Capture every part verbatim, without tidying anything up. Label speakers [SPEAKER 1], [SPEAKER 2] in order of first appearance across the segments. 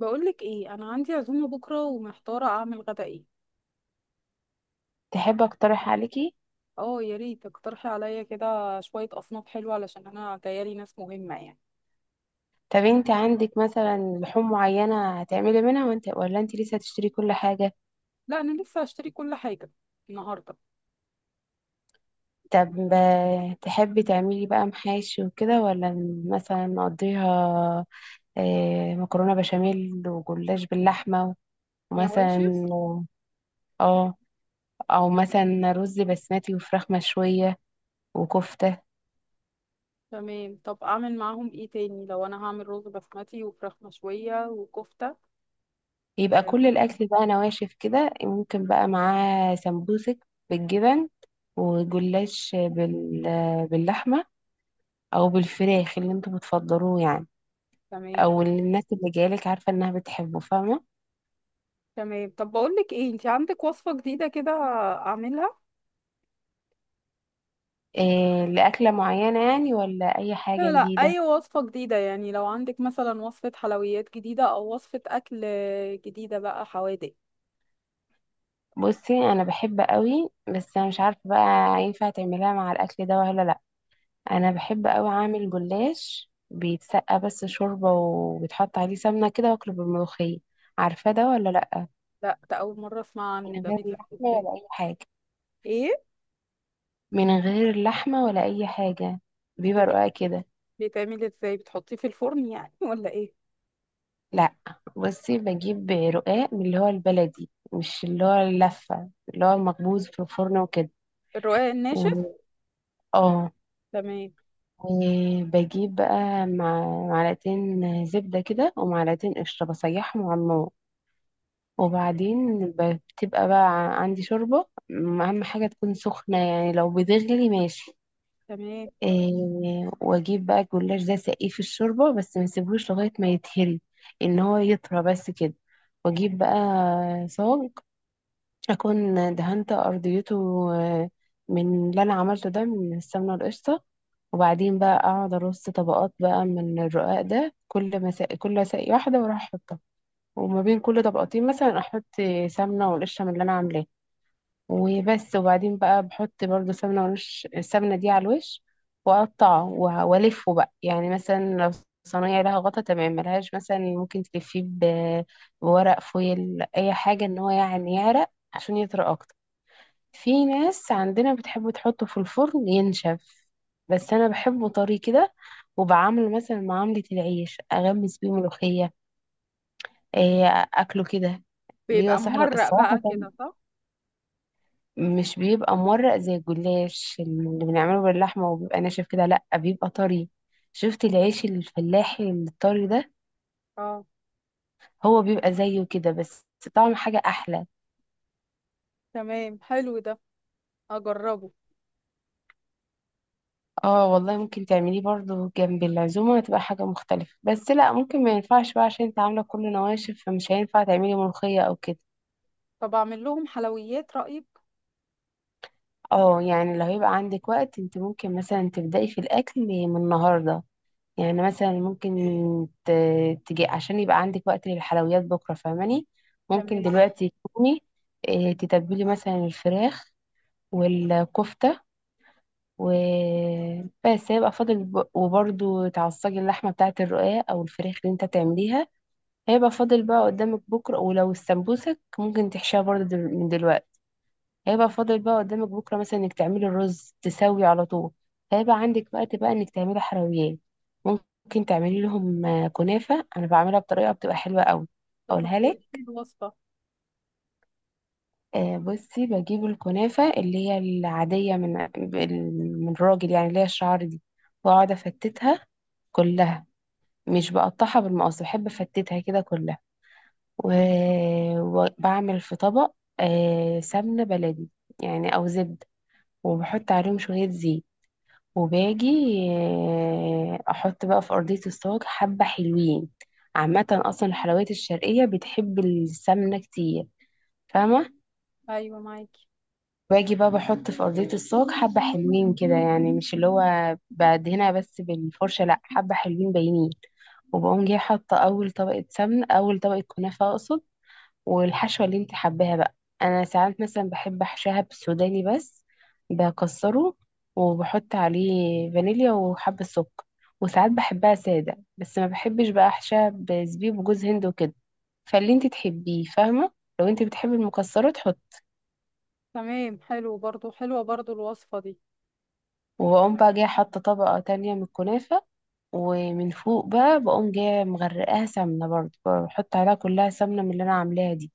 [SPEAKER 1] بقولك ايه، انا عندي عزومه بكره ومحتاره اعمل غدا ايه.
[SPEAKER 2] تحب اقترح عليكي؟
[SPEAKER 1] اه يا ريت تقترحي عليا كده شويه اصناف حلوه علشان انا جايالي ناس مهمه يعني.
[SPEAKER 2] طب انت عندك مثلا لحوم معينة هتعملي منها وانت ولا انت لسه هتشتري كل حاجة؟
[SPEAKER 1] لا انا لسه هشتري كل حاجه النهارده.
[SPEAKER 2] طب آه، تحبي تعملي بقى محاشي وكده، ولا مثلا نقضيها؟ آه، مكرونة بشاميل وجلاش باللحمة،
[SPEAKER 1] نواشف.
[SPEAKER 2] ومثلا اه، او مثلا رز بسمتي وفراخ مشوية وكفتة.
[SPEAKER 1] تمام، طب اعمل معاهم ايه تاني لو انا هعمل رز بسمتي وفراخ مشويه وكفته؟
[SPEAKER 2] يبقى
[SPEAKER 1] آه،
[SPEAKER 2] كل الاكل بقى نواشف كده، ممكن بقى معاه سمبوسك بالجبن، وجلاش بال... باللحمة او بالفراخ اللي انتوا بتفضلوه يعني،
[SPEAKER 1] تمام.
[SPEAKER 2] او اللي الناس اللي جايلك عارفه انها بتحبه، فاهمه؟
[SPEAKER 1] تمام، طب بقولك ايه، انتي عندك وصفه جديده كده اعملها؟
[SPEAKER 2] إيه، لاكله معينه يعني ولا اي
[SPEAKER 1] لا
[SPEAKER 2] حاجه
[SPEAKER 1] لا
[SPEAKER 2] جديده؟
[SPEAKER 1] اي وصفه جديده يعني، لو عندك مثلا وصفه حلويات جديده او وصفه اكل جديده بقى حوادق.
[SPEAKER 2] بصي، انا بحب قوي، بس انا مش عارفه بقى ينفع تعملها مع الاكل ده ولا لا. انا بحب قوي اعمل جلاش بيتسقى بس شوربه، وبيتحط عليه سمنه كده، واكله بالملوخيه. عارفه ده ولا لا؟
[SPEAKER 1] لا، ده أول مرة أسمع عنه،
[SPEAKER 2] من
[SPEAKER 1] ده
[SPEAKER 2] غير
[SPEAKER 1] بيتعمل
[SPEAKER 2] لحمه
[SPEAKER 1] إزاي؟
[SPEAKER 2] ولا اي حاجه.
[SPEAKER 1] إيه؟
[SPEAKER 2] من غير لحمه ولا اي حاجه،
[SPEAKER 1] ده
[SPEAKER 2] بيبقى
[SPEAKER 1] بي-
[SPEAKER 2] رقاق كده.
[SPEAKER 1] بيتعمل إزاي؟ بتحطيه في الفرن يعني ولا إيه؟
[SPEAKER 2] لا، بصي، بجيب رقاق من اللي هو البلدي، مش اللي هو اللفة اللي هو المخبوز في الفرن وكده.
[SPEAKER 1] الرقاق الناشف.
[SPEAKER 2] و- اه،
[SPEAKER 1] تمام.
[SPEAKER 2] وبجيب بقى مع معلقتين زبدة كده، ومعلقتين قشطة، بسيحهم على النار. وبعدين ب- بتبقى بقى عندي شوربة، م- أهم حاجة تكون سخنة، يعني لو بتغلي ماشي.
[SPEAKER 1] تمام.
[SPEAKER 2] إيه، وأجيب بقى الجلاش ده سقيه في الشوربة، بس ما اسيبهوش لغاية ما يتهري، إن هو يطرى بس كده. وأجيب بقى صاج أكون دهنت أرضيته آه، من اللي أنا عملته ده من السمنة القشطة. وبعدين بقى أقعد أرص طبقات بقى من الرقاق ده، كل مساء كل ساقية واحدة وأروح أحطها، وما بين كل طبقتين مثلا أحط سمنة والقشطة من اللي أنا عاملاه. وبس. وبعدين بقى بحط برضو سمنة والقش السمنة دي على الوش، وأقطعه وه- وألفه بقى. يعني مثلا لو صينية لها غطا تمام، ملهاش مثلا ممكن تلفيه ب- بورق فويل أي حاجة، إن هو يعني يعرق عشان يطرى أكتر. في ناس عندنا بتحب تحطه في الفرن ينشف، بس انا بحبه طري كده، وبعمله مثلا معاملة العيش اغمس بيه ملوخية. إيه، اكله كده. بيبقى
[SPEAKER 1] بيبقى
[SPEAKER 2] صحر
[SPEAKER 1] مورق
[SPEAKER 2] الصراحة
[SPEAKER 1] بقى
[SPEAKER 2] كان،
[SPEAKER 1] كده، صح؟
[SPEAKER 2] مش بيبقى مورق زي الجلاش اللي بنعمله باللحمة وبيبقى ناشف كده، لأ بيبقى طري. شفت العيش الفلاحي الطري ده؟
[SPEAKER 1] اه.
[SPEAKER 2] هو بيبقى زيه كده، بس طعم حاجة أحلى.
[SPEAKER 1] تمام، حلو ده، أجربه.
[SPEAKER 2] اه والله، ممكن تعمليه برضو جنب العزومة، هتبقى حاجة مختلفة، بس لا ممكن ما ينفعش بقى عشان انت عاملة كل نواشف، فمش هينفع تعملي ملوخية او كده.
[SPEAKER 1] طب أعمل لهم حلويات، رأيك؟
[SPEAKER 2] اه يعني لو هيبقى عندك وقت، انت ممكن مثلا تبدأي في الأكل من النهاردة. يعني مثلا ممكن ت- تجي عشان يبقى عندك وقت للحلويات بكرة، فاهماني؟ ممكن
[SPEAKER 1] تمام،
[SPEAKER 2] دلوقتي تكوني اه، تتبلي مثلا الفراخ والكفتة، وبس هيبقى فاضل ب- وبرضو تعصجي اللحمة بتاعة الرقاق أو الفراخ اللي انت تعمليها. هيبقى فاضل بقى قدامك بكرة، ولو استنبوسك ممكن تحشيها برضه دل- من دلوقتي. هيبقى فاضل بقى قدامك بكرة مثلا انك تعملي الرز تسوي على طول، هيبقى عندك وقت بقى انك تعملي حلويات. ممكن تعملي لهم آه، كنافة، انا بعملها بطريقة بتبقى حلوة قوي.
[SPEAKER 1] طب ما
[SPEAKER 2] اقولها
[SPEAKER 1] تقوليش لي
[SPEAKER 2] لك.
[SPEAKER 1] الوصفة.
[SPEAKER 2] آه، بصي، بجيب الكنافة اللي هي العادية من بال- من الراجل يعني، اللي هي الشعر دي، واقعد افتتها كلها، مش بقطعها بالمقص، بحب افتتها كده كلها. و- وبعمل في طبق آه، سمنة بلدي يعني أو زبدة، وبحط عليهم شوية زيت، وباجي آه، أحط بقى في أرضية الصاج حبة حلوين. عامة أصلا الحلويات الشرقية بتحب السمنة كتير، فاهمة؟
[SPEAKER 1] أيوة معاكي.
[SPEAKER 2] باجي بقى بحط في أرضية الصاج حبة حلوين كده، يعني مش اللي هو بدهنها بس بالفرشة، لأ حبة حلوين باينين. وبقوم جاية حاطة أول طبقة سمنة، أول طبقة كنافة أقصد، والحشوة اللي انت حباها بقى. انا ساعات مثلا بحب احشاها بالسوداني بس، بكسره وبحط عليه فانيليا وحبة سكر. وساعات بحبها سادة بس، ما بحبش بقى احشاها بزبيب وجوز هند وكده، فاللي انت تحبيه فاهمة. لو انت بتحبي المكسرات حط.
[SPEAKER 1] تمام، حلو برضو، حلوة برضو الوصفة دي.
[SPEAKER 2] وبقوم بقى جاية حاطة طبقة تانية من الكنافة، ومن فوق بقى بقوم جاية مغرقاها سمنة برضه، بحط عليها كلها سمنة من اللي انا عاملاها دي.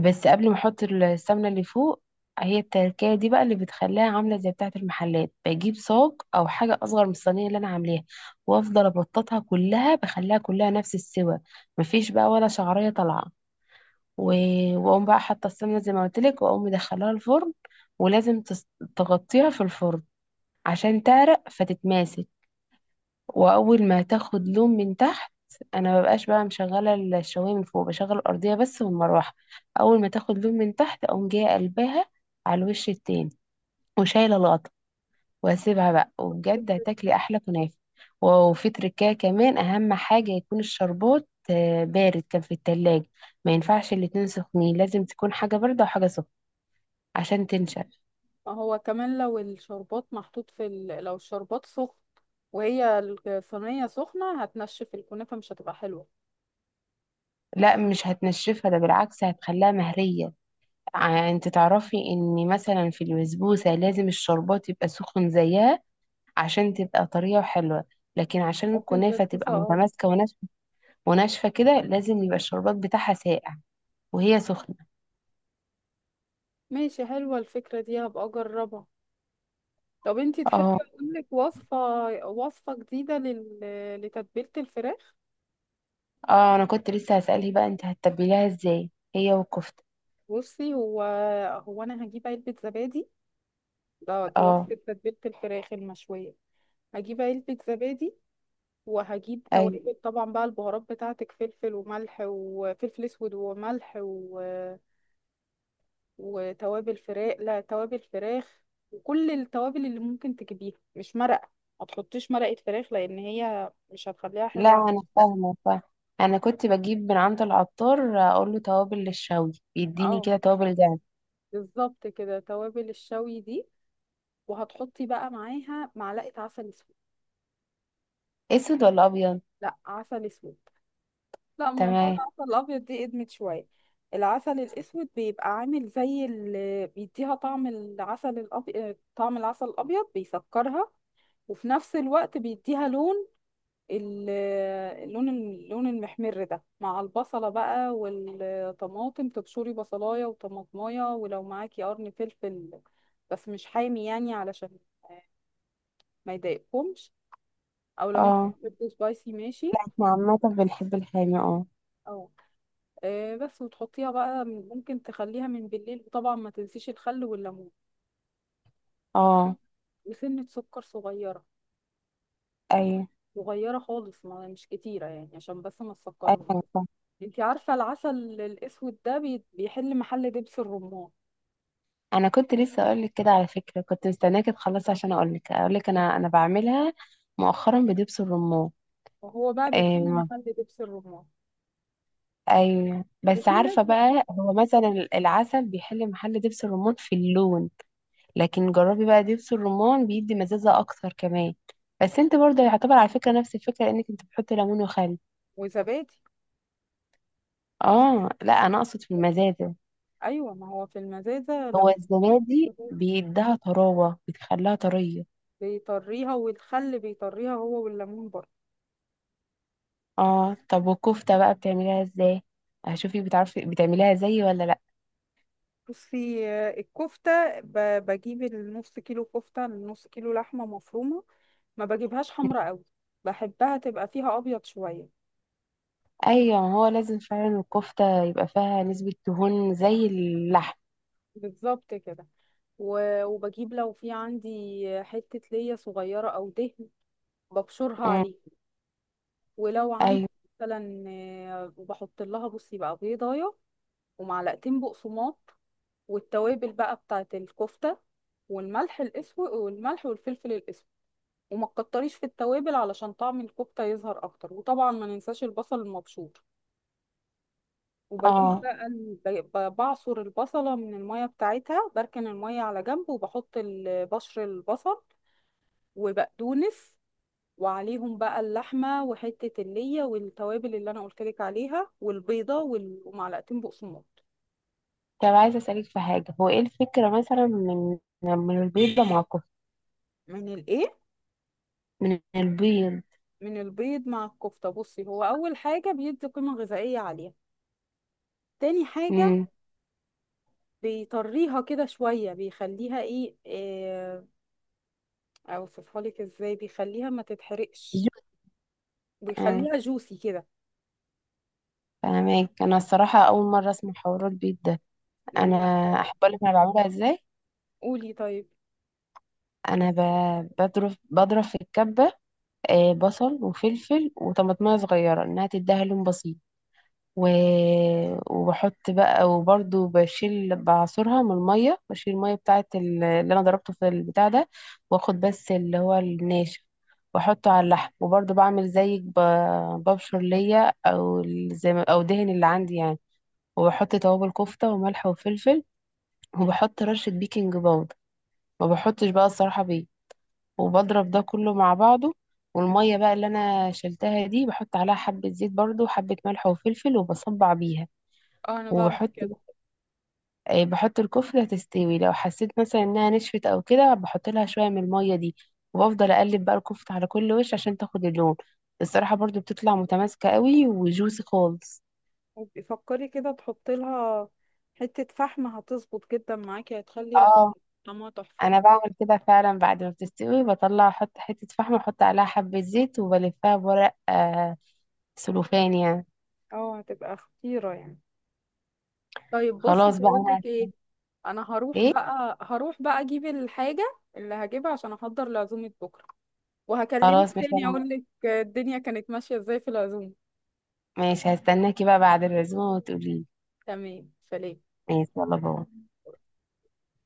[SPEAKER 2] بس قبل ما احط السمنه اللي فوق، هي التركية دي بقى اللي بتخليها عاملة زي بتاعة المحلات، بجيب صاج أو حاجة أصغر من الصينية اللي أنا عاملاها، وأفضل أبططها كلها بخليها كلها نفس السوى، مفيش بقى ولا شعرية طالعة. و- وأقوم بقى حاطة السمنة زي ما قلتلك، وأقوم مدخلاها الفرن. ولازم تس- تغطيها في الفرن عشان تعرق فتتماسك. واول ما تاخد لون من تحت، انا مبقاش بقى مشغله الشوايه من فوق، بشغل الارضيه بس والمروحه. اول ما تاخد لون من تحت اقوم جايه قلباها على الوش التاني، وشايله الغطا، واسيبها بقى. وبجد هتاكلي احلى كنافه. وفي تركايه كمان، اهم حاجه يكون الشربات آه، بارد كان في التلاجة، ما ينفعش الاتنين سخنين، لازم تكون حاجه بارده وحاجه سخنه عشان تنشف.
[SPEAKER 1] ما هو كمان لو الشربات محطوط في ال...، لو الشربات سخن وهي الصينية سخنة هتنشف الكنافة مش هتبقى حلوة.
[SPEAKER 2] لا مش هتنشفها، ده بالعكس هتخليها مهريه. ع- انت تعرفي ان مثلا في البسبوسه لازم الشربات يبقى سخن زيها عشان تبقى طريه وحلوه، لكن عشان
[SPEAKER 1] في
[SPEAKER 2] الكنافه
[SPEAKER 1] البسبوسة
[SPEAKER 2] تبقى
[SPEAKER 1] اه.
[SPEAKER 2] متماسكه وناشفه وناشفه كده، لازم يبقى الشربات بتاعها ساقع وهي سخنه.
[SPEAKER 1] ماشي، حلوة الفكرة دي، هبقى اجربها. طب انتي
[SPEAKER 2] اه.
[SPEAKER 1] تحبي اقولك وصفة؟ وصفة جديدة لل...، لتتبيلة الفراخ.
[SPEAKER 2] اه انا كنت لسه هسألك بقى انت هتتبليها ازاي هي والكفته.
[SPEAKER 1] بصي، هو هو انا هجيب علبة زبادي، ده دي
[SPEAKER 2] اه.
[SPEAKER 1] وصفة تتبيلة الفراخ المشوية. هجيب علبة زبادي، وهجيب
[SPEAKER 2] اي.
[SPEAKER 1] توابل طبعا بقى، البهارات بتاعتك فلفل وملح وفلفل اسود وملح و...، وتوابل فراخ، لا توابل فراخ وكل التوابل اللي ممكن تجيبيها، مش مرقة. ما تحطيش مرقة فراخ لأن هي مش هتخليها
[SPEAKER 2] لا
[SPEAKER 1] حلوة.
[SPEAKER 2] انا
[SPEAKER 1] لا.
[SPEAKER 2] فاهمه فاهمة. انا كنت بجيب من عند العطار اقول له توابل للشوي، بيديني
[SPEAKER 1] اه،
[SPEAKER 2] كده توابل دهب.
[SPEAKER 1] بالظبط كده، توابل الشوي دي. وهتحطي بقى معاها معلقة عسل اسود.
[SPEAKER 2] اسود ولا ابيض؟
[SPEAKER 1] لا، عسل اسود. لا، موضوع
[SPEAKER 2] تمام.
[SPEAKER 1] العسل الابيض دي ادمت شوية. العسل الاسود بيبقى عامل زي اللي بيديها طعم العسل الابيض، طعم العسل الابيض بيسكرها، وفي نفس الوقت بيديها لون ال- اللون، اللون المحمر ده، مع البصلة بقى والطماطم، تبشري بصلاية وطماطماية، ولو معاكي قرن فلفل بس مش حامي يعني، علشان ما يضايقكمش، او لو انت
[SPEAKER 2] اه
[SPEAKER 1] بتحبي سبايسي ماشي.
[SPEAKER 2] احنا عامه بنحب الحامي، اه.
[SPEAKER 1] اه. آه، بس، وتحطيها بقى من- ممكن تخليها من بالليل، وطبعا ما تنسيش الخل والليمون،
[SPEAKER 2] اه.
[SPEAKER 1] وسنة سكر صغيرة.
[SPEAKER 2] ايوه.
[SPEAKER 1] صغيرة خالص، ما مش كتيرة يعني، عشان بس ما
[SPEAKER 2] ايوه
[SPEAKER 1] تسكرهوش.
[SPEAKER 2] أنا فاهمة.
[SPEAKER 1] انت عارفة العسل الأسود ده بي- بيحل محل دبس الرمان.
[SPEAKER 2] انا كنت لسه اقول لك كده على فكره، كنت مستناكي تخلصي عشان اقول لك اقول لك انا انا بعملها مؤخرا بدبس الرمان.
[SPEAKER 1] وهو بقى بيحل
[SPEAKER 2] ايوه.
[SPEAKER 1] محل دبس الرمان.
[SPEAKER 2] ايوه بس
[SPEAKER 1] وفي ناس
[SPEAKER 2] عارفه
[SPEAKER 1] بتحب.
[SPEAKER 2] بقى، هو مثلا العسل بيحل محل دبس الرمان في اللون، لكن جربي بقى دبس الرمان بيدي مزازه اكتر كمان. بس انت برضه يعتبر على فكره نفس الفكره، انك انت بتحطي ليمون وخل.
[SPEAKER 1] وزبادي.
[SPEAKER 2] اه لا انا اقصد في المزازه.
[SPEAKER 1] ايوه، ما هو في المزازه
[SPEAKER 2] هو
[SPEAKER 1] لو.
[SPEAKER 2] الزبادي بيديها طراوه بتخليها طريه.
[SPEAKER 1] بيطريها، والخل بيطريها هو والليمون برضه.
[SPEAKER 2] اه. طب والكفتة بقى بتعمليها ازاي؟ هشوفي بتعرفي بتعمليها زي ولا لا.
[SPEAKER 1] بصي، آه، الكفته، ب- بجيب النص كيلو كفته، النص كيلو لحمه مفرومه. ما بجيبهاش حمرا قوي، بحبها تبقى فيها ابيض شويه.
[SPEAKER 2] ايوه ما هو لازم فعلا الكفتة يبقى فيها نسبة دهون زي اللحم.
[SPEAKER 1] بالظبط كده. و- وبجيب لو في عندي حته ليا صغيره او دهن، ببشرها
[SPEAKER 2] مم.
[SPEAKER 1] عليه. ولو
[SPEAKER 2] ايوه.
[SPEAKER 1] عندي مثلا، آه، وبحط لها، بصي بقى، بيضايه، ومعلقتين بقسماط، والتوابل بقى بتاعه الكفته، والملح الاسود والملح والفلفل الاسود. وما تكتريش في التوابل علشان طعم الكفته يظهر اكتر. وطبعا ما ننساش البصل المبشور. وبجيب
[SPEAKER 2] اه.
[SPEAKER 1] بقى ال- ب- ب- بعصر البصله من الميه بتاعتها، بركن الميه على جنب، وبحط ال- بشر البصل وبقدونس، وعليهم بقى اللحمة وحتة اللية والتوابل اللي أنا قلتلك عليها، والبيضة وال- ومعلقتين بقسماط.
[SPEAKER 2] طب عايزة اسألك في حاجة، هو ايه الفكرة مثلا من من البيضة مع الكفتة؟
[SPEAKER 1] من الإيه؟
[SPEAKER 2] من البيض.
[SPEAKER 1] من البيض مع الكفتة؟ بصي، هو أول حاجة بيدي قيمة غذائية عالية. تاني حاجة،
[SPEAKER 2] امم.
[SPEAKER 1] بيطريها كده شوية، بيخليها إيه، آه، أوصفها لك إزاي، بيخليها ما تتحرقش، بيخليها جوسي كده.
[SPEAKER 2] فاهمك. انا الصراحة اول مرة اسمع حوار البيض ده. انا
[SPEAKER 1] لا.
[SPEAKER 2] احب اقولك انا بعملها ازاي.
[SPEAKER 1] قولي طيب.
[SPEAKER 2] انا ب- بضرب بضرب في الكبة آه، بصل وفلفل وطماطمية صغيرة انها تديها لون بسيط. و... وبحط بقى، وبرده بشيل بعصرها من المية، بشيل المية بتاعة ال- اللي انا ضربته في البتاع ده، واخد بس اللي هو الناشف واحطه على اللحم. وبرده بعمل زيك ب... ببشر ليا او ال- زي ما... او دهن اللي عندي يعني. وبحط توابل كفتة وملح وفلفل، وبحط رشة بيكنج باودر. ما بحطش بقى الصراحة بيه. وبضرب ده كله مع بعضه. والمية بقى اللي أنا شلتها دي، بحط عليها حبة زيت برضو وحبة ملح وفلفل وبصبع بيها،
[SPEAKER 1] آه، أنا بعمل
[SPEAKER 2] وبحط
[SPEAKER 1] كده.
[SPEAKER 2] آه، بحط الكفتة تستوي. لو حسيت مثلا إنها نشفت أو كده، بحط لها شوية من المية دي. وبفضل أقلب بقى الكفتة على كل وش عشان تاخد اللون. الصراحة برضو بتطلع متماسكة قوي وجوسي خالص.
[SPEAKER 1] وبي- فكري كده، تحطي لها حتة فحم، هتظبط جدا معاكي، هتخلي ريحتها،
[SPEAKER 2] اه
[SPEAKER 1] طعمها
[SPEAKER 2] انا
[SPEAKER 1] تحفة.
[SPEAKER 2] بعمل كده فعلا، بعد ما بتستوي بطلع احط حتة فحم، احط عليها حبة زيت وبلفها بورق آه سلوفان يعني.
[SPEAKER 1] اه، هتبقى خطيرة يعني. طيب بصي،
[SPEAKER 2] خلاص بقى
[SPEAKER 1] بقول
[SPEAKER 2] انا.
[SPEAKER 1] لك ايه، انا هروح
[SPEAKER 2] ايه؟
[SPEAKER 1] بقى، هروح بقى اجيب الحاجه اللي هجيبها عشان احضر لعزومه بكره، وهكلمك
[SPEAKER 2] خلاص مش
[SPEAKER 1] تاني
[SPEAKER 2] انا.
[SPEAKER 1] اقول لك الدنيا كانت ماشيه ازاي في العزومه.
[SPEAKER 2] ماشي، هستناكي بقى بعد العزومة وتقولي لي.
[SPEAKER 1] تمام، سلام.
[SPEAKER 2] ماشي يلا باي.